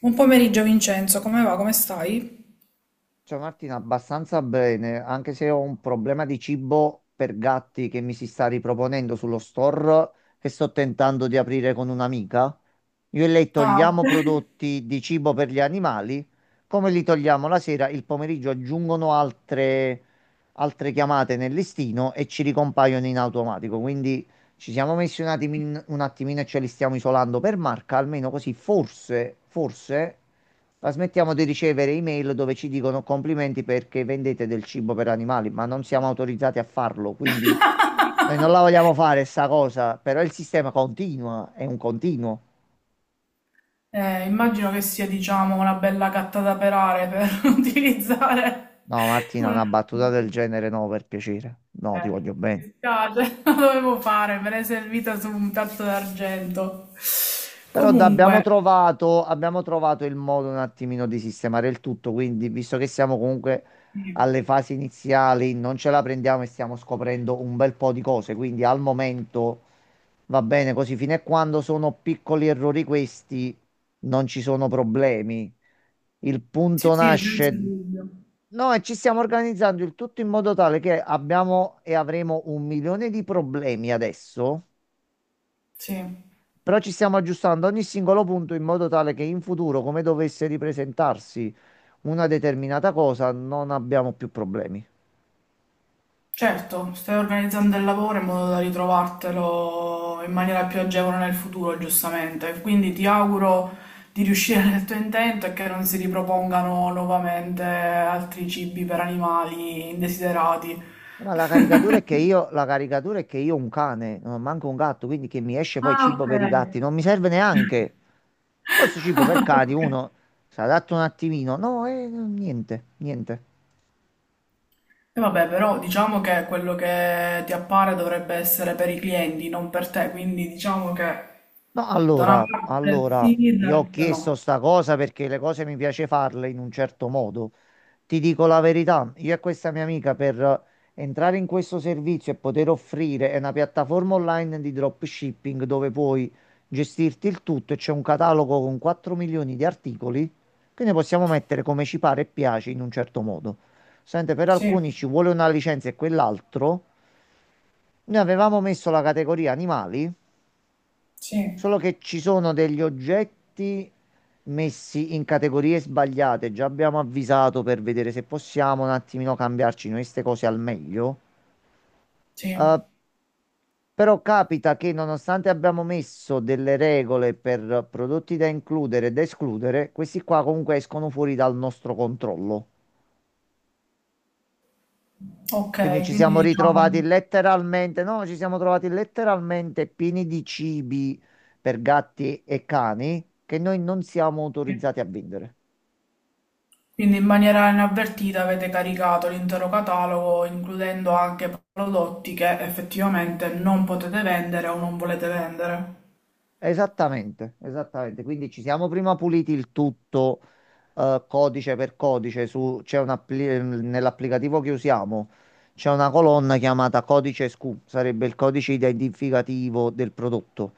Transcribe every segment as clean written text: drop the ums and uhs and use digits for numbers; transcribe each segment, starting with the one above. Buon pomeriggio Vincenzo, come va? Come stai? Ciao Martina, abbastanza bene, anche se ho un problema di cibo per gatti che mi si sta riproponendo sullo store che sto tentando di aprire con un'amica. Io e lei Ah. togliamo prodotti di cibo per gli animali, come li togliamo la sera, il pomeriggio aggiungono altre chiamate nel listino e ci ricompaiono in automatico. Quindi ci siamo messi un attimino e ce li stiamo isolando per marca, almeno così forse, forse. Ma smettiamo di ricevere email dove ci dicono complimenti perché vendete del cibo per animali, ma non siamo autorizzati a farlo, quindi noi non la vogliamo fare sta cosa, però il sistema continua, è un continuo. Immagino che sia, diciamo, una bella gatta da pelare per utilizzare No, Martina, una... una battuta del genere no, per piacere. No, ti voglio Mi bene. dispiace, lo dovevo fare, me l'hai servita su un piatto d'argento. Però abbiamo Comunque, trovato, abbiamo trovato il modo un attimino di sistemare il tutto, quindi visto che siamo comunque sì, alle fasi iniziali, non ce la prendiamo e stiamo scoprendo un bel po' di cose, quindi al momento va bene così, fino a quando sono piccoli errori questi, non ci sono problemi. Il sì, punto sì, senza nasce. dubbio. No, e ci stiamo organizzando il tutto in modo tale che abbiamo e avremo un milione di problemi adesso, Sì. però ci stiamo aggiustando ogni singolo punto in modo tale che in futuro, come dovesse ripresentarsi una determinata cosa, non abbiamo più problemi. Certo, stai organizzando il lavoro in modo da ritrovartelo in maniera più agevole nel futuro, giustamente. Quindi ti auguro di riuscire nel tuo intento e che non si ripropongano nuovamente altri cibi per animali indesiderati. Ma la caricatura è che io, la caricatura è che io ho un cane, non ho manco un gatto, quindi che mi esce poi Ah, cibo ok. per i gatti, non mi serve neanche. Forse cibo per cani, Ok. uno si adatta un attimino. No, niente, niente. E vabbè, però diciamo che quello che ti appare dovrebbe essere per i clienti, non per te, quindi diciamo che No, da una allora, parte allora, sì, io ho dall'altra no. chiesto sta cosa perché le cose mi piace farle in un certo modo. Ti dico la verità, io e questa mia amica per entrare in questo servizio e poter offrire è una piattaforma online di dropshipping dove puoi gestirti il tutto e c'è un catalogo con 4 milioni di articoli che ne possiamo mettere come ci pare e piace in un certo modo. Sente, per Sì, alcuni ci vuole una licenza e quell'altro. Noi avevamo messo la categoria animali. sì, Solo che ci sono degli oggetti messi in categorie sbagliate. Già abbiamo avvisato per vedere se possiamo un attimino cambiarci noi queste cose al meglio. sì. Eh, però capita che nonostante abbiamo messo delle regole per prodotti da includere e da escludere, questi qua comunque escono fuori dal nostro controllo. Quindi Ok, ci quindi siamo diciamo, ritrovati letteralmente, no, ci siamo trovati letteralmente pieni di cibi per gatti e cani che noi non siamo autorizzati a vendere. quindi in maniera inavvertita avete caricato l'intero catalogo, includendo anche prodotti che effettivamente non potete vendere o non volete vendere. Esattamente, esattamente. Quindi ci siamo prima puliti il tutto, codice per codice. Su, c'è un nell'applicativo che usiamo c'è una colonna chiamata codice SKU, sarebbe il codice identificativo del prodotto.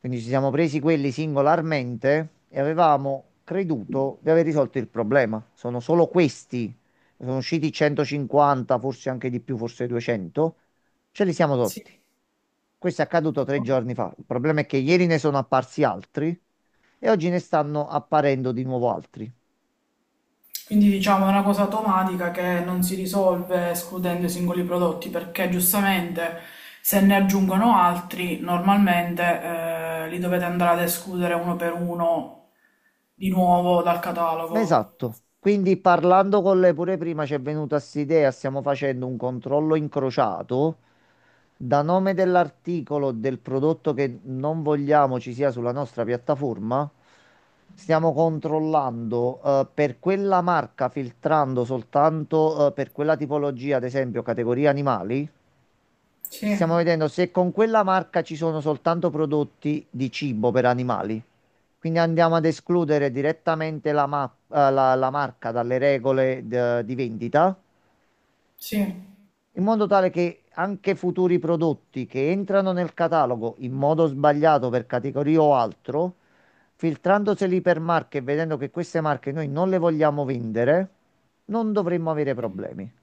Quindi ci siamo presi quelli singolarmente e avevamo creduto di aver risolto il problema. Sono solo questi, sono usciti 150, forse anche di più, forse 200. Ce li siamo Sì. tolti. Questo è accaduto 3 giorni fa. Il problema è che ieri ne sono apparsi altri e oggi ne stanno apparendo di nuovo altri. Quindi diciamo è una cosa automatica che non si risolve escludendo i singoli prodotti, perché giustamente se ne aggiungono altri, normalmente li dovete andare ad escludere uno per uno di nuovo dal catalogo. Esatto. Quindi parlando con lei pure prima ci è venuta st'idea, stiamo facendo un controllo incrociato da nome dell'articolo del prodotto che non vogliamo ci sia sulla nostra piattaforma. Stiamo controllando per quella marca, filtrando soltanto per quella tipologia, ad esempio categoria animali. Sì, Ci stiamo vedendo se con quella marca ci sono soltanto prodotti di cibo per animali. Quindi andiamo ad escludere direttamente la marca dalle regole di vendita, sì. in modo tale che anche futuri prodotti che entrano nel catalogo in modo sbagliato per categoria o altro, filtrandoseli per marche e vedendo che queste marche noi non le vogliamo vendere, non dovremmo avere problemi.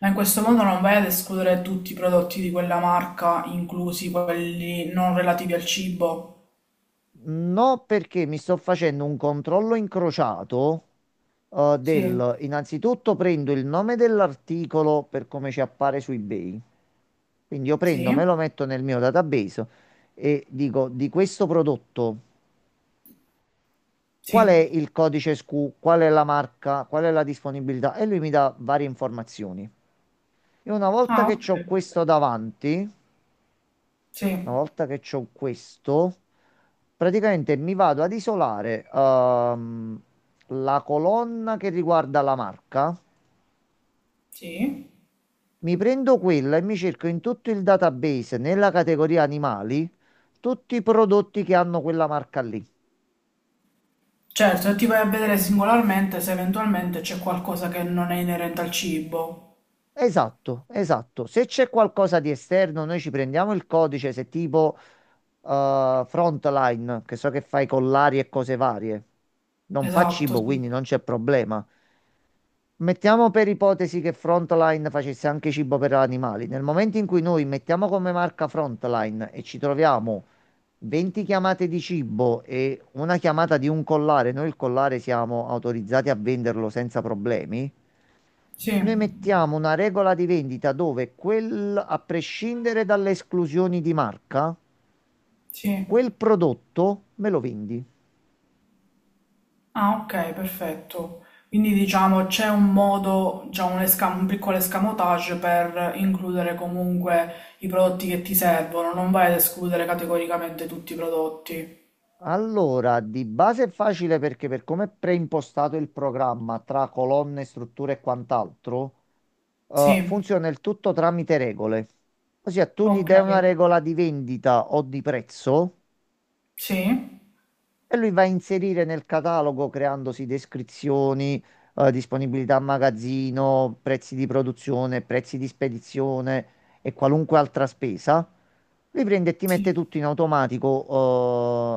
Ma in questo modo non vai ad escludere tutti i prodotti di quella marca, inclusi quelli non relativi al cibo. No, perché mi sto facendo un controllo incrociato eh, Sì, del... Innanzitutto prendo il nome dell'articolo per come ci appare su eBay. Quindi io prendo, me sì, lo metto nel mio database e dico di questo prodotto qual è sì. il codice SKU, qual è la marca, qual è la disponibilità e lui mi dà varie informazioni. E una volta Ah, che ok. ho questo davanti, una Sì, volta che c'ho questo, praticamente mi vado ad isolare la colonna che riguarda la marca, sì. mi prendo quella e mi cerco in tutto il database, nella categoria animali, tutti i prodotti che hanno quella marca lì. Certo, e ti vai a vedere singolarmente se eventualmente c'è qualcosa che non è inerente al cibo. Esatto, esatto. Se c'è qualcosa di esterno, noi ci prendiamo il codice, se tipo Frontline, che so che fai collari e cose varie. Non fa Esatto, cibo, sì. quindi non c'è problema. Mettiamo per ipotesi che Frontline facesse anche cibo per animali. Nel momento in cui noi mettiamo come marca Frontline e ci troviamo 20 chiamate di cibo e una chiamata di un collare, noi il collare siamo autorizzati a venderlo senza problemi. Sì, Noi mettiamo una regola di vendita dove quel, a prescindere dalle esclusioni di marca, sì. quel prodotto me lo vendi. Ah, ok, perfetto. Quindi diciamo c'è un modo, già un, esca- un piccolo escamotage per includere comunque i prodotti che ti servono, non vai ad escludere categoricamente tutti i prodotti. Allora, di base è facile perché per come è preimpostato il programma tra colonne, strutture e quant'altro, Sì, funziona il tutto tramite regole. Ossia, tu gli ok, dai una regola di vendita o di prezzo, sì, e lui va a inserire nel catalogo creandosi descrizioni, disponibilità a magazzino, prezzi di produzione, prezzi di spedizione e qualunque altra spesa. Lui prende e ti mette sì. tutto in automatico,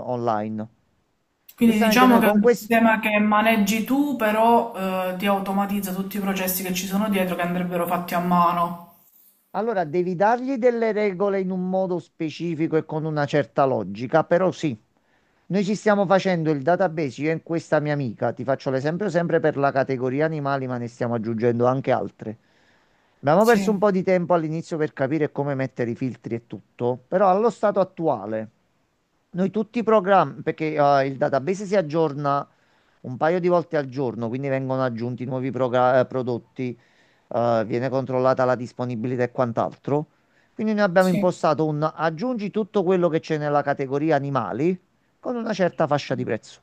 online. Quindi Giustamente diciamo noi che è con un questo. sistema che maneggi tu, però ti automatizza tutti i processi che ci sono dietro che andrebbero fatti a mano. Allora, devi dargli delle regole in un modo specifico e con una certa logica, però sì, noi ci stiamo facendo il database, io e questa mia amica, ti faccio l'esempio sempre per la categoria animali, ma ne stiamo aggiungendo anche altre. Abbiamo perso un Sì, po' di tempo all'inizio per capire come mettere i filtri e tutto, però allo stato attuale. Noi tutti i programmi, perché il database si aggiorna un paio di volte al giorno, quindi vengono aggiunti nuovi prodotti, viene controllata la disponibilità e quant'altro. Quindi noi abbiamo sì. impostato un aggiungi tutto quello che c'è nella categoria animali con una certa fascia di prezzo.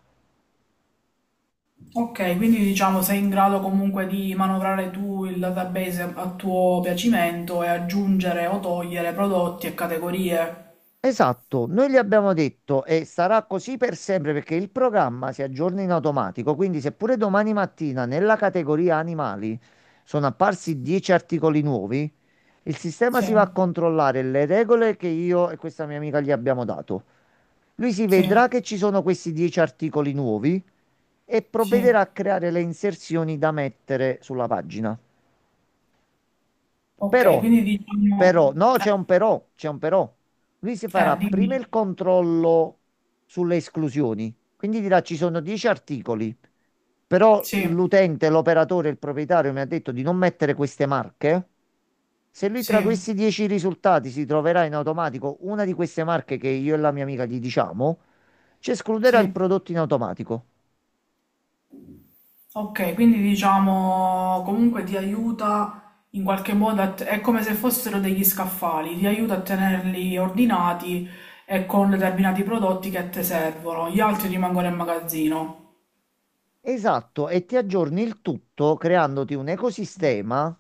Ok, quindi diciamo sei in grado comunque di manovrare tu il database a tuo piacimento e aggiungere o togliere prodotti e categorie. Esatto, noi gli abbiamo detto e sarà così per sempre perché il programma si aggiorna in automatico, quindi seppure domani mattina nella categoria animali sono apparsi 10 articoli nuovi, il sistema Sì, si va a controllare le regole che io e questa mia amica gli abbiamo dato. Lui si sì, vedrà che ci sono questi 10 articoli nuovi e sì. provvederà a creare le inserzioni da mettere sulla pagina. Ok, Però, quindi diciamo... però, no, c'è un però. Lui si farà prima dimmi. il controllo sulle esclusioni, quindi dirà ci sono 10 articoli, però Sì, l'utente, l'operatore, il proprietario mi ha detto di non mettere queste marche. Se lui tra sì, questi 10 risultati si troverà in automatico una di queste marche che io e la mia amica gli diciamo, ci escluderà il sì. prodotto in automatico. Ok, quindi diciamo comunque ti aiuta in qualche modo, a te- è come se fossero degli scaffali, ti aiuta a tenerli ordinati e con determinati prodotti che a te servono, gli altri rimangono in magazzino. Esatto, e ti aggiorni il tutto creandoti un ecosistema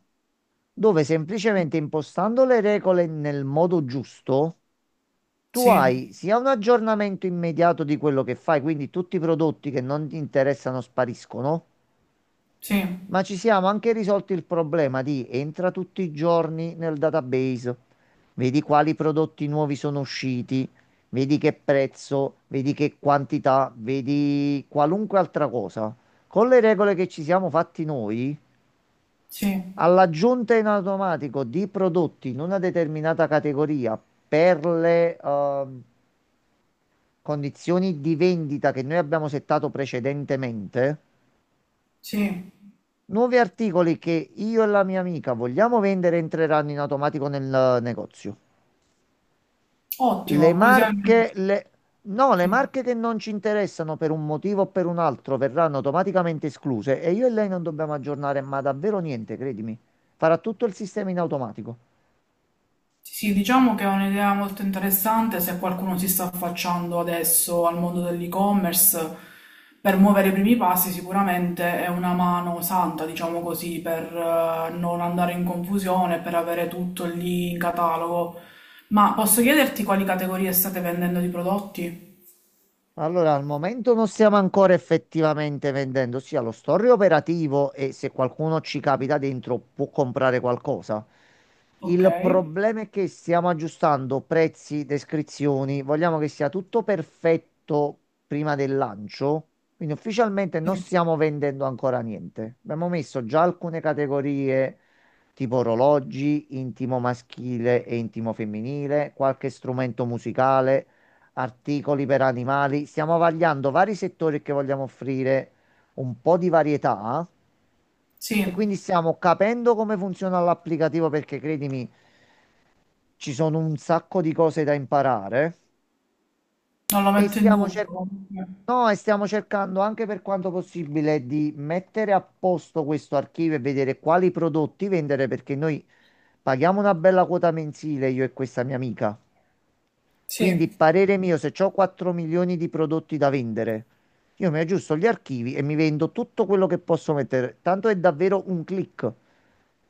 dove semplicemente impostando le regole nel modo giusto, tu Sì. hai sia un aggiornamento immediato di quello che fai, quindi tutti i prodotti che non ti interessano spariscono, Sì, ma ci siamo anche risolti il problema di entra tutti i giorni nel database, vedi quali prodotti nuovi sono usciti, vedi che prezzo, vedi che quantità, vedi qualunque altra cosa. Con le regole che ci siamo fatti noi. sì, All'aggiunta in automatico di prodotti in una determinata categoria per le condizioni di vendita che noi abbiamo settato precedentemente, sì, nuovi articoli che io e la mia amica vogliamo vendere entreranno in automatico nel negozio. Le ottimo, così almeno marche, le... No, le sì. marche che non ci interessano per un motivo o per un altro verranno automaticamente escluse e io e lei non dobbiamo aggiornare, ma davvero niente, credimi. Farà tutto il sistema in automatico. Sì, sì, diciamo che è un'idea molto interessante se qualcuno si sta affacciando adesso al mondo dell'e-commerce, per muovere i primi passi sicuramente è una mano santa, diciamo così, per non andare in confusione, per avere tutto lì in catalogo. Ma posso chiederti quali categorie state vendendo di prodotti? Allora, al momento non stiamo ancora effettivamente vendendo, ossia lo store è operativo e se qualcuno ci capita dentro può comprare qualcosa. Ok, Il problema è che stiamo aggiustando prezzi, descrizioni, vogliamo che sia tutto perfetto prima del lancio, quindi ufficialmente non sì, stiamo vendendo ancora niente. Abbiamo messo già alcune categorie tipo orologi, intimo maschile e intimo femminile, qualche strumento musicale, articoli per animali. Stiamo vagliando vari settori che vogliamo offrire un po' di varietà e sì, quindi stiamo capendo come funziona l'applicativo perché credimi, ci sono un sacco di cose da imparare non lo e metto in stiamo cer- dubbio. no, e stiamo cercando anche per quanto possibile di mettere a posto questo archivio e vedere quali prodotti vendere perché noi paghiamo una bella quota mensile io e questa mia amica. Quindi, Sì. parere mio, se ho 4 milioni di prodotti da vendere, io mi aggiusto gli archivi e mi vendo tutto quello che posso mettere. Tanto è davvero un click.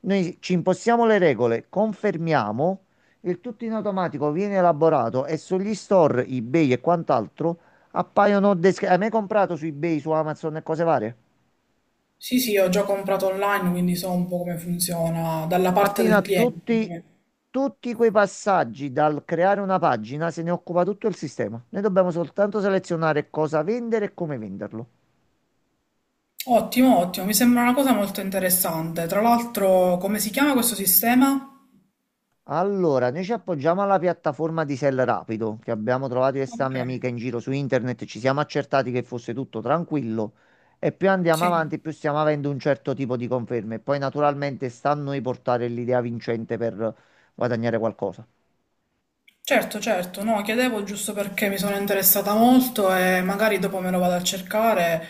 Noi ci impostiamo le regole, confermiamo, il tutto in automatico viene elaborato e sugli store, eBay e quant'altro appaiono. Hai mai comprato su eBay, su Amazon e cose varie? Sì, sì, ho già comprato online, quindi so un po' come funziona dalla parte Martina, del cliente. tutti, Cioè, tutti quei passaggi dal creare una pagina se ne occupa tutto il sistema. Noi dobbiamo soltanto selezionare cosa vendere e come venderlo. ottimo, ottimo, mi sembra una cosa molto interessante. Tra l'altro, come si chiama questo sistema? Allora, noi ci appoggiamo alla piattaforma di Sell Rapido che abbiamo trovato io e sta Ok, mia amica in giro su internet, ci siamo accertati che fosse tutto tranquillo e più andiamo sì. avanti, più stiamo avendo un certo tipo di conferme. Poi naturalmente sta a noi portare l'idea vincente per guadagnare qualcosa. Certo, certo, no, chiedevo giusto perché mi sono interessata molto e magari dopo me lo vado a cercare.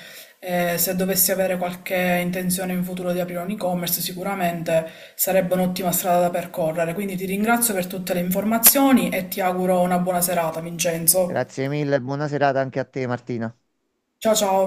Se dovessi avere qualche intenzione in futuro di aprire un e-commerce, sicuramente sarebbe un'ottima strada da percorrere. Quindi ti ringrazio per tutte le informazioni e ti auguro una buona serata, Vincenzo. Grazie mille, buona serata anche a te, Martina. Ciao ciao.